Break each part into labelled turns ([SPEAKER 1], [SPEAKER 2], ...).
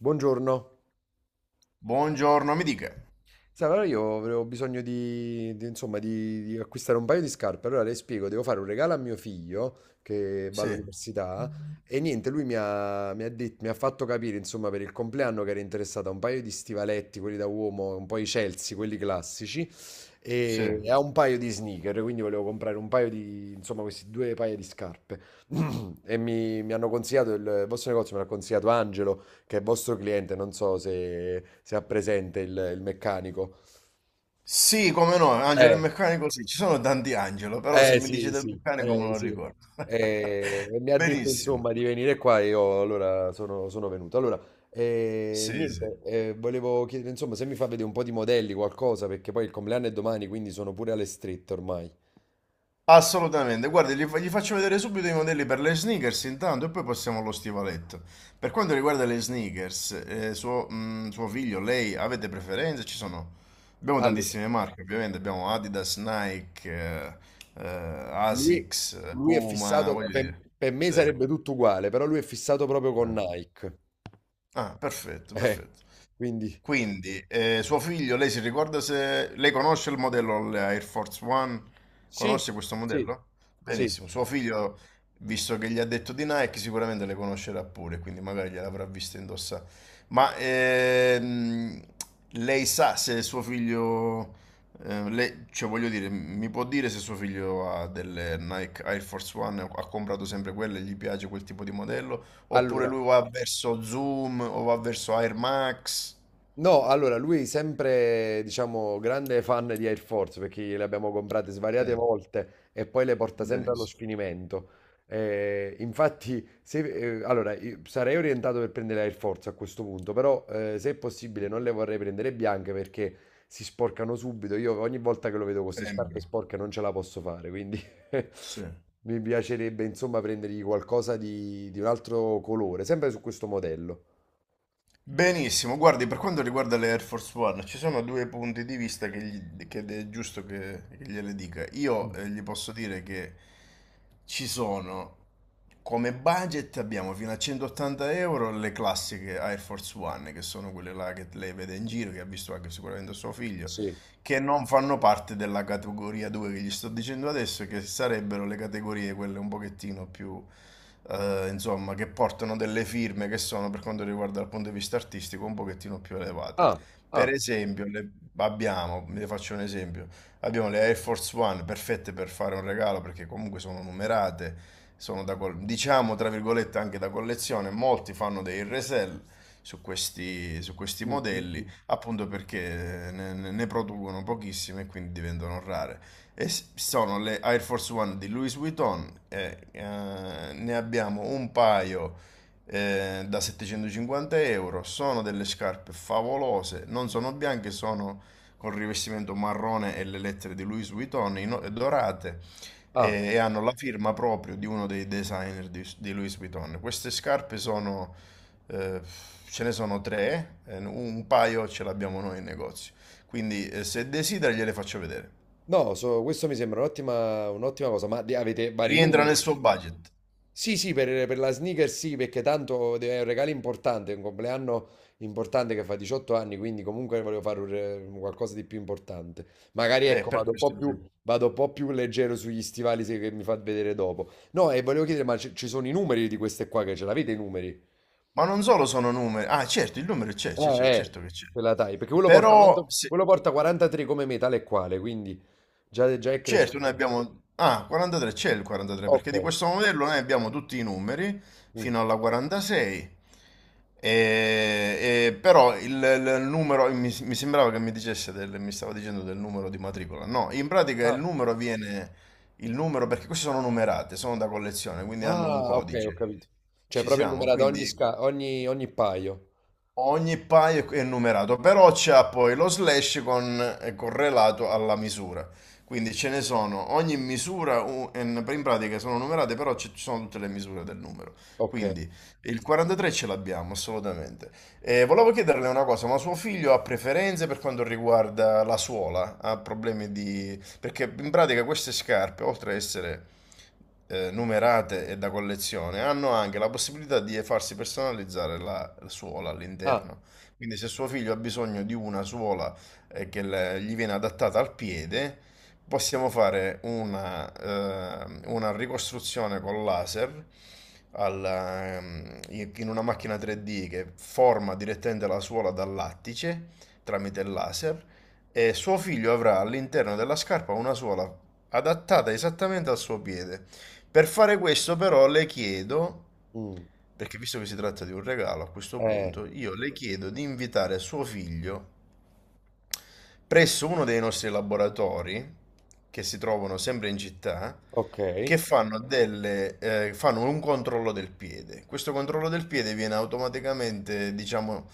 [SPEAKER 1] Buongiorno.
[SPEAKER 2] Buongiorno, mi dica.
[SPEAKER 1] Sai, allora io avevo bisogno di, insomma, di acquistare un paio di scarpe. Allora le spiego, devo fare un regalo a mio figlio che va
[SPEAKER 2] Sì,
[SPEAKER 1] all'università e niente, lui mi ha fatto capire, insomma, per il compleanno che era interessato a un paio di stivaletti, quelli da uomo, un po' i Chelsea, quelli classici,
[SPEAKER 2] sì.
[SPEAKER 1] e a un paio di sneaker, quindi volevo comprare un paio di, insomma, questi due paia di scarpe. E mi hanno consigliato il vostro negozio, me l'ha consigliato Angelo, che è vostro cliente, non so se ha presente il meccanico.
[SPEAKER 2] Sì, come no, Angelo
[SPEAKER 1] Eh,
[SPEAKER 2] il meccanico, sì, ci sono tanti Angelo, però se mi dice
[SPEAKER 1] sì,
[SPEAKER 2] del
[SPEAKER 1] sì,
[SPEAKER 2] meccanico me lo
[SPEAKER 1] sì.
[SPEAKER 2] ricordo.
[SPEAKER 1] E mi ha detto
[SPEAKER 2] Benissimo,
[SPEAKER 1] insomma di venire qua e io allora sono venuto. Allora,
[SPEAKER 2] sì, sì.
[SPEAKER 1] niente, volevo chiedere insomma se mi fa vedere un po' di modelli, qualcosa, perché poi il compleanno è domani, quindi sono pure alle strette ormai.
[SPEAKER 2] Assolutamente, guardi, gli faccio vedere subito i modelli per le sneakers intanto e poi passiamo allo stivaletto. Per quanto riguarda le sneakers, suo figlio, lei, avete preferenze? Ci sono... Abbiamo
[SPEAKER 1] Allora,
[SPEAKER 2] tantissime marche, ovviamente, abbiamo Adidas, Nike, eh,
[SPEAKER 1] lui,
[SPEAKER 2] Asics,
[SPEAKER 1] lui è
[SPEAKER 2] Puma,
[SPEAKER 1] fissato,
[SPEAKER 2] voglio
[SPEAKER 1] per,
[SPEAKER 2] dire.
[SPEAKER 1] per me
[SPEAKER 2] Sì.
[SPEAKER 1] sarebbe tutto uguale, però lui è fissato proprio con
[SPEAKER 2] Eh.
[SPEAKER 1] Nike.
[SPEAKER 2] Ah, perfetto,
[SPEAKER 1] Eh,
[SPEAKER 2] perfetto.
[SPEAKER 1] quindi
[SPEAKER 2] Quindi, suo figlio, lei si ricorda se lei conosce il modello la Air Force One?
[SPEAKER 1] sì,
[SPEAKER 2] Conosce questo
[SPEAKER 1] sì,
[SPEAKER 2] modello?
[SPEAKER 1] sì.
[SPEAKER 2] Benissimo. Suo figlio, visto che gli ha detto di Nike, sicuramente le conoscerà pure, quindi magari gliel'avrà vista indossare. Ma lei sa se suo figlio, cioè voglio dire, mi può dire se suo figlio ha delle Nike Air Force One, ha comprato sempre quelle, gli piace quel tipo di modello, oppure
[SPEAKER 1] Allora
[SPEAKER 2] lui va verso Zoom o va verso Air Max?
[SPEAKER 1] No, allora lui sempre, diciamo, grande fan di Air Force perché le abbiamo comprate
[SPEAKER 2] Sì,
[SPEAKER 1] svariate volte e poi le porta sempre allo
[SPEAKER 2] benissimo.
[SPEAKER 1] sfinimento. Infatti, se, Allora, io sarei orientato per prendere Air Force a questo punto, però se è possibile non le vorrei prendere bianche perché si sporcano subito. Io ogni volta che lo vedo con queste scarpe
[SPEAKER 2] Sembra.
[SPEAKER 1] sporche non ce la posso fare, quindi
[SPEAKER 2] Sì.
[SPEAKER 1] mi piacerebbe insomma prendergli qualcosa di un altro colore, sempre su questo modello.
[SPEAKER 2] Benissimo, guardi, per quanto riguarda le Air Force One, ci sono due punti di vista che, che è giusto che gliele dica. Io
[SPEAKER 1] Mm.
[SPEAKER 2] gli posso dire che ci sono, come budget abbiamo fino a 180 euro le classiche Air Force One, che sono quelle là che lei vede in giro, che ha visto anche sicuramente suo figlio,
[SPEAKER 1] Sì.
[SPEAKER 2] che non fanno parte della categoria 2 che gli sto dicendo adesso, che sarebbero le categorie quelle un pochettino più, insomma, che portano delle firme che sono, per quanto riguarda dal punto di vista artistico, un pochettino più elevate.
[SPEAKER 1] Ah.
[SPEAKER 2] Per
[SPEAKER 1] Ah.
[SPEAKER 2] esempio, abbiamo, vi faccio un esempio, abbiamo le Air Force One perfette per fare un regalo perché comunque sono numerate, sono da, diciamo, tra virgolette, anche da collezione, molti fanno dei resell su questi
[SPEAKER 1] Mm, mm,
[SPEAKER 2] modelli
[SPEAKER 1] mm.
[SPEAKER 2] appunto perché ne, ne producono pochissime e quindi diventano rare. Sono le Air Force One di Louis Vuitton, e, ne abbiamo un paio da 750 euro, sono delle scarpe favolose, non sono bianche, sono con rivestimento marrone e le lettere di Louis Vuitton dorate,
[SPEAKER 1] Ah,
[SPEAKER 2] e hanno la firma proprio di uno dei designer di Louis Vuitton. Queste scarpe sono eh, ce ne sono tre, un paio ce l'abbiamo noi in negozio. Quindi se desidera gliele faccio vedere.
[SPEAKER 1] no, questo mi sembra un'ottima cosa, ma avete vari
[SPEAKER 2] Rientra
[SPEAKER 1] numeri?
[SPEAKER 2] nel suo budget.
[SPEAKER 1] Sì, sì, per la sneaker sì, perché tanto è un regalo importante, è un compleanno importante che fa 18 anni, quindi comunque volevo fare un qualcosa di più importante. Magari
[SPEAKER 2] Eh,
[SPEAKER 1] ecco,
[SPEAKER 2] per questo lo sento.
[SPEAKER 1] vado un po' più leggero sugli stivali che mi fa vedere dopo. No, e volevo chiedere, ma ci sono i numeri di queste qua che ce l'avete i numeri?
[SPEAKER 2] Ma non solo sono numeri. Ah, certo, il numero c'è, c'è,
[SPEAKER 1] Eh,
[SPEAKER 2] c'è, certo
[SPEAKER 1] eh,
[SPEAKER 2] che c'è.
[SPEAKER 1] Quella taglia, perché quello porta,
[SPEAKER 2] Però se,
[SPEAKER 1] quello porta 43 come me, tale e quale, quindi già, già è cresciuto.
[SPEAKER 2] Certo, noi abbiamo... Ah, 43 c'è il 43, perché
[SPEAKER 1] Ok.
[SPEAKER 2] di questo modello noi abbiamo tutti i numeri
[SPEAKER 1] Mm.
[SPEAKER 2] fino alla 46. E, però il numero, mi sembrava che mi dicesse mi stava dicendo del numero di matricola. No, in pratica
[SPEAKER 1] Ah.
[SPEAKER 2] il numero, perché queste sono numerate, sono da collezione, quindi hanno un
[SPEAKER 1] Ah, ok, ho
[SPEAKER 2] codice.
[SPEAKER 1] capito. Cioè,
[SPEAKER 2] Ci
[SPEAKER 1] proprio
[SPEAKER 2] siamo,
[SPEAKER 1] numerato ogni,
[SPEAKER 2] quindi...
[SPEAKER 1] sca- ogni, ogni paio.
[SPEAKER 2] Ogni paio è numerato, però c'ha poi lo slash con, è correlato alla misura. Quindi ce ne sono, ogni misura in pratica sono numerate, però ci sono tutte le misure del numero.
[SPEAKER 1] Ok.
[SPEAKER 2] Quindi il 43 ce l'abbiamo assolutamente. E volevo chiederle una cosa, ma suo figlio ha preferenze per quanto riguarda la suola? Ha problemi di... perché in pratica queste scarpe, oltre a essere numerate e da collezione, hanno anche la possibilità di farsi personalizzare la suola
[SPEAKER 1] Ah,
[SPEAKER 2] all'interno. Quindi se suo figlio ha bisogno di una suola che gli viene adattata al piede, possiamo fare una ricostruzione con laser al, in in una macchina 3D che forma direttamente la suola dal lattice tramite il laser, e suo figlio avrà all'interno della scarpa una suola adattata esattamente al suo piede. Per fare questo però le chiedo,
[SPEAKER 1] mm.
[SPEAKER 2] perché visto che si tratta di un regalo a questo
[SPEAKER 1] Eh,
[SPEAKER 2] punto, io le chiedo di invitare suo figlio presso uno dei nostri laboratori, che si trovano sempre in città,
[SPEAKER 1] ok.
[SPEAKER 2] che fanno delle, fanno un controllo del piede. Questo controllo del piede viene automaticamente, diciamo,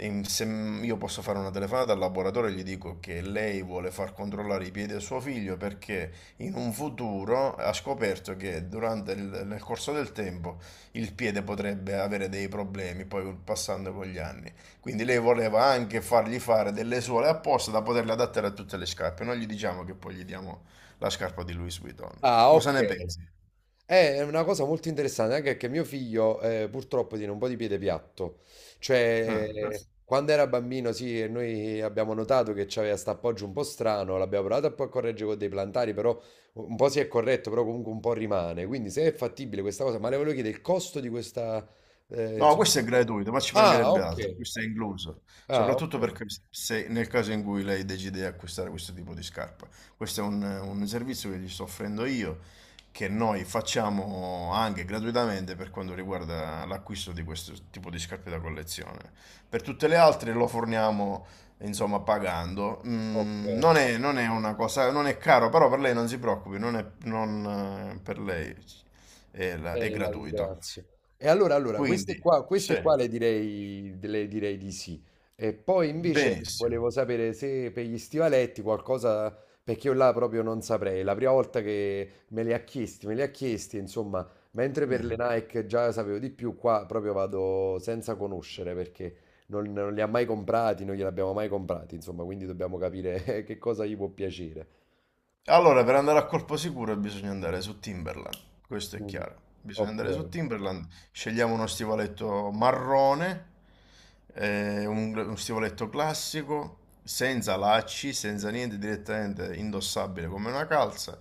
[SPEAKER 2] in- se m- io posso fare una telefonata al laboratorio e gli dico che lei vuole far controllare i piedi a suo figlio perché in un futuro ha scoperto che durante il, nel corso del tempo il piede potrebbe avere dei problemi, poi passando con gli anni. Quindi lei voleva anche fargli fare delle suole apposta da poterle adattare a tutte le scarpe. Non gli diciamo che poi gli diamo la scarpa di Louis Vuitton.
[SPEAKER 1] Ah,
[SPEAKER 2] Cosa
[SPEAKER 1] ok.
[SPEAKER 2] ne pensi?
[SPEAKER 1] È una cosa molto interessante, anche perché mio figlio, purtroppo tiene un po' di piede piatto,
[SPEAKER 2] Eh.
[SPEAKER 1] cioè, quando era bambino sì, e noi abbiamo notato che c'aveva sta appoggio un po' strano, l'abbiamo provato a poi a correggere con dei plantari, però un po' si è corretto, però comunque un po' rimane, quindi se è fattibile questa cosa, ma le volevo chiedere il costo di questa,
[SPEAKER 2] No,
[SPEAKER 1] insomma...
[SPEAKER 2] questo è gratuito, ma ci
[SPEAKER 1] Ah,
[SPEAKER 2] mancherebbe
[SPEAKER 1] ok,
[SPEAKER 2] altro, questo è incluso,
[SPEAKER 1] ah, ok,
[SPEAKER 2] soprattutto perché, se, nel caso in cui lei decide di acquistare questo tipo di scarpa, questo è un servizio che gli sto offrendo io, che noi facciamo anche gratuitamente per quanto riguarda l'acquisto di questo tipo di scarpe da collezione. Per tutte le altre lo forniamo, insomma, pagando.
[SPEAKER 1] ok.
[SPEAKER 2] Non è una cosa, non è caro, però per lei non si preoccupi, non è, non, per lei è
[SPEAKER 1] La
[SPEAKER 2] gratuito.
[SPEAKER 1] ringrazio. E allora,
[SPEAKER 2] Quindi,
[SPEAKER 1] queste qua, queste
[SPEAKER 2] sì,
[SPEAKER 1] qua le direi di sì. E poi invece
[SPEAKER 2] benissimo.
[SPEAKER 1] volevo sapere se per gli stivaletti qualcosa, perché io là proprio non saprei. La prima volta che me li ha chiesti, insomma, mentre per
[SPEAKER 2] Mm.
[SPEAKER 1] le Nike già sapevo di più, qua proprio vado senza conoscere perché non li ha mai comprati, non gliel'abbiamo mai comprati, insomma, quindi dobbiamo capire che cosa gli può piacere.
[SPEAKER 2] Allora, per andare a colpo sicuro bisogna andare su Timberland, questo è
[SPEAKER 1] Mm.
[SPEAKER 2] chiaro. Bisogna
[SPEAKER 1] Ok.
[SPEAKER 2] andare su Timberland, scegliamo uno stivaletto marrone, uno stivaletto classico, senza lacci, senza niente, direttamente indossabile come una calza,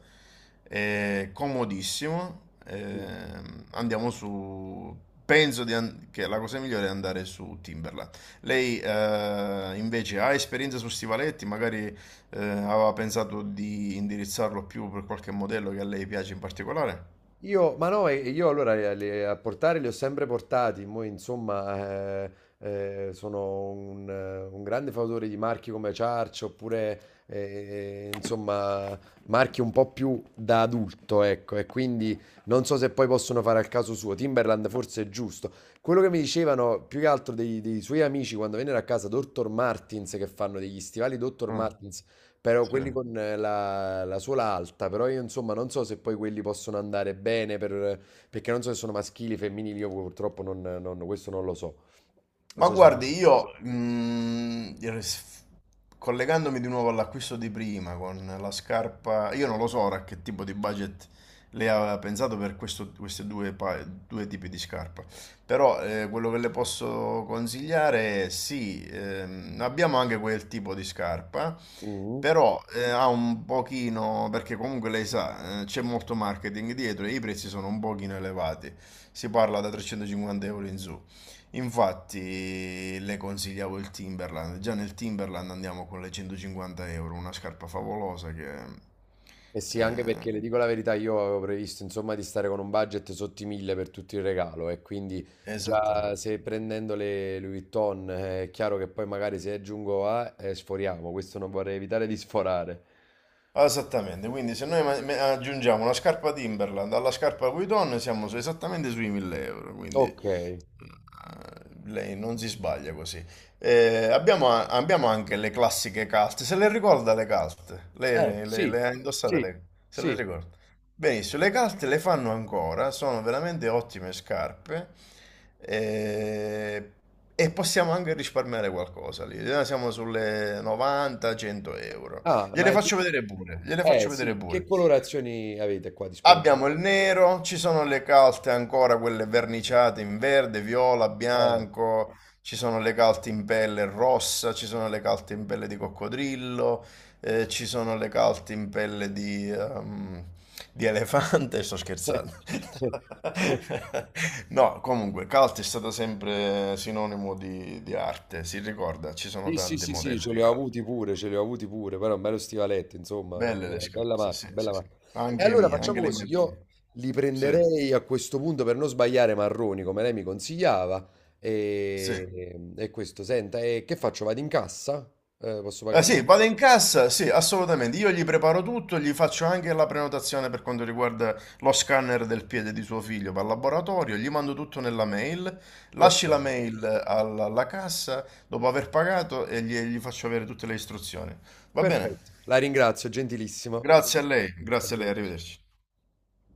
[SPEAKER 2] comodissimo. Andiamo su... Penso che la cosa migliore è andare su Timberland. Lei invece ha esperienza su stivaletti, magari... aveva pensato di indirizzarlo più per qualche modello che a lei piace in particolare?
[SPEAKER 1] Io, ma no, io allora a portare li ho sempre portati, mo insomma, sono un grande fautore di marchi come Ciarcio, oppure, insomma marchi un po' più da adulto, ecco, e quindi non so se poi possono fare al caso suo, Timberland forse è giusto. Quello che mi dicevano più che altro dei suoi amici quando vennero a casa, Dr. Martins, che fanno degli stivali Dr.
[SPEAKER 2] Ah,
[SPEAKER 1] Martins, però
[SPEAKER 2] sì.
[SPEAKER 1] quelli con la suola alta, però io insomma non so se poi quelli possono andare bene perché non so se sono maschili, femminili, io purtroppo questo non lo so. Non
[SPEAKER 2] Ma
[SPEAKER 1] so se...
[SPEAKER 2] guardi, io collegandomi di nuovo all'acquisto di prima con la scarpa, io non lo so ora che tipo di budget lei aveva pensato per questi due tipi di scarpa, però quello che le posso consigliare è sì, abbiamo anche quel tipo di scarpa,
[SPEAKER 1] Mhm.
[SPEAKER 2] però ha un pochino, perché comunque lei sa, c'è molto marketing dietro e i prezzi sono un pochino elevati, si parla da 350 euro in su. Infatti le consigliavo il Timberland, già nel Timberland andiamo con le 150 euro, una scarpa favolosa che...
[SPEAKER 1] E sì, anche
[SPEAKER 2] eh,
[SPEAKER 1] perché le dico la verità, io avevo previsto insomma di stare con un budget sotto i 1000 per tutto il regalo e quindi già
[SPEAKER 2] esattamente.
[SPEAKER 1] se prendendo le Louis Vuitton, è chiaro che poi magari se aggiungo A, sforiamo, questo non vorrei evitare di sforare.
[SPEAKER 2] Esattamente, quindi se noi aggiungiamo una scarpa Timberland alla scarpa Vuitton siamo esattamente sui 1000 euro, quindi
[SPEAKER 1] Ok, eh
[SPEAKER 2] lei non si sbaglia così. Abbiamo anche le classiche calte, se le ricorda le calte? Lei le,
[SPEAKER 1] sì,
[SPEAKER 2] le ha indossate
[SPEAKER 1] sì,
[SPEAKER 2] se le
[SPEAKER 1] sì.
[SPEAKER 2] ricorda? Benissimo, le calte le fanno ancora, sono veramente ottime scarpe eh, e possiamo anche risparmiare qualcosa lì. Siamo sulle 90-100 euro.
[SPEAKER 1] Ah, ma
[SPEAKER 2] Gliele
[SPEAKER 1] è...
[SPEAKER 2] faccio vedere pure, gliele
[SPEAKER 1] Eh
[SPEAKER 2] faccio vedere
[SPEAKER 1] sì, che
[SPEAKER 2] pure.
[SPEAKER 1] colorazioni avete qua disponibili?
[SPEAKER 2] Abbiamo il nero, ci sono le calte ancora, quelle verniciate in verde, viola,
[SPEAKER 1] Eh.
[SPEAKER 2] bianco, ci sono le calte in pelle rossa, ci sono le calte in pelle di coccodrillo, ci sono le calte in pelle di elefante, sto scherzando. No, comunque, calte è stato sempre sinonimo di arte, si ricorda, ci sono
[SPEAKER 1] Sì, sì,
[SPEAKER 2] tanti
[SPEAKER 1] sì, sì,
[SPEAKER 2] modelli
[SPEAKER 1] ce
[SPEAKER 2] di
[SPEAKER 1] li ho
[SPEAKER 2] calte.
[SPEAKER 1] avuti pure, ce li ho avuti pure, però un bello stivaletto, insomma,
[SPEAKER 2] Belle le
[SPEAKER 1] bella, bella
[SPEAKER 2] scarpe, sì,
[SPEAKER 1] marca, bella
[SPEAKER 2] sì, sì.
[SPEAKER 1] marca. E
[SPEAKER 2] Anche
[SPEAKER 1] allora
[SPEAKER 2] mie, anche
[SPEAKER 1] facciamo
[SPEAKER 2] le
[SPEAKER 1] così,
[SPEAKER 2] mie preferite.
[SPEAKER 1] io li
[SPEAKER 2] Sì,
[SPEAKER 1] prenderei a questo punto per non sbagliare marroni, come lei mi consigliava,
[SPEAKER 2] sì.
[SPEAKER 1] e questo, senta, e che faccio? Vado in cassa? Posso
[SPEAKER 2] Ah,
[SPEAKER 1] pagare?
[SPEAKER 2] sì, vado in cassa, sì, assolutamente. Io gli preparo tutto, gli faccio anche la prenotazione per quanto riguarda lo scanner del piede di suo figlio per laboratorio, gli mando tutto nella mail,
[SPEAKER 1] Ok,
[SPEAKER 2] lasci la mail alla cassa dopo aver pagato e gli faccio avere tutte le istruzioni. Va bene?
[SPEAKER 1] perfetto, la ringrazio, gentilissimo.
[SPEAKER 2] Grazie a lei,
[SPEAKER 1] Arrivederci.
[SPEAKER 2] arrivederci.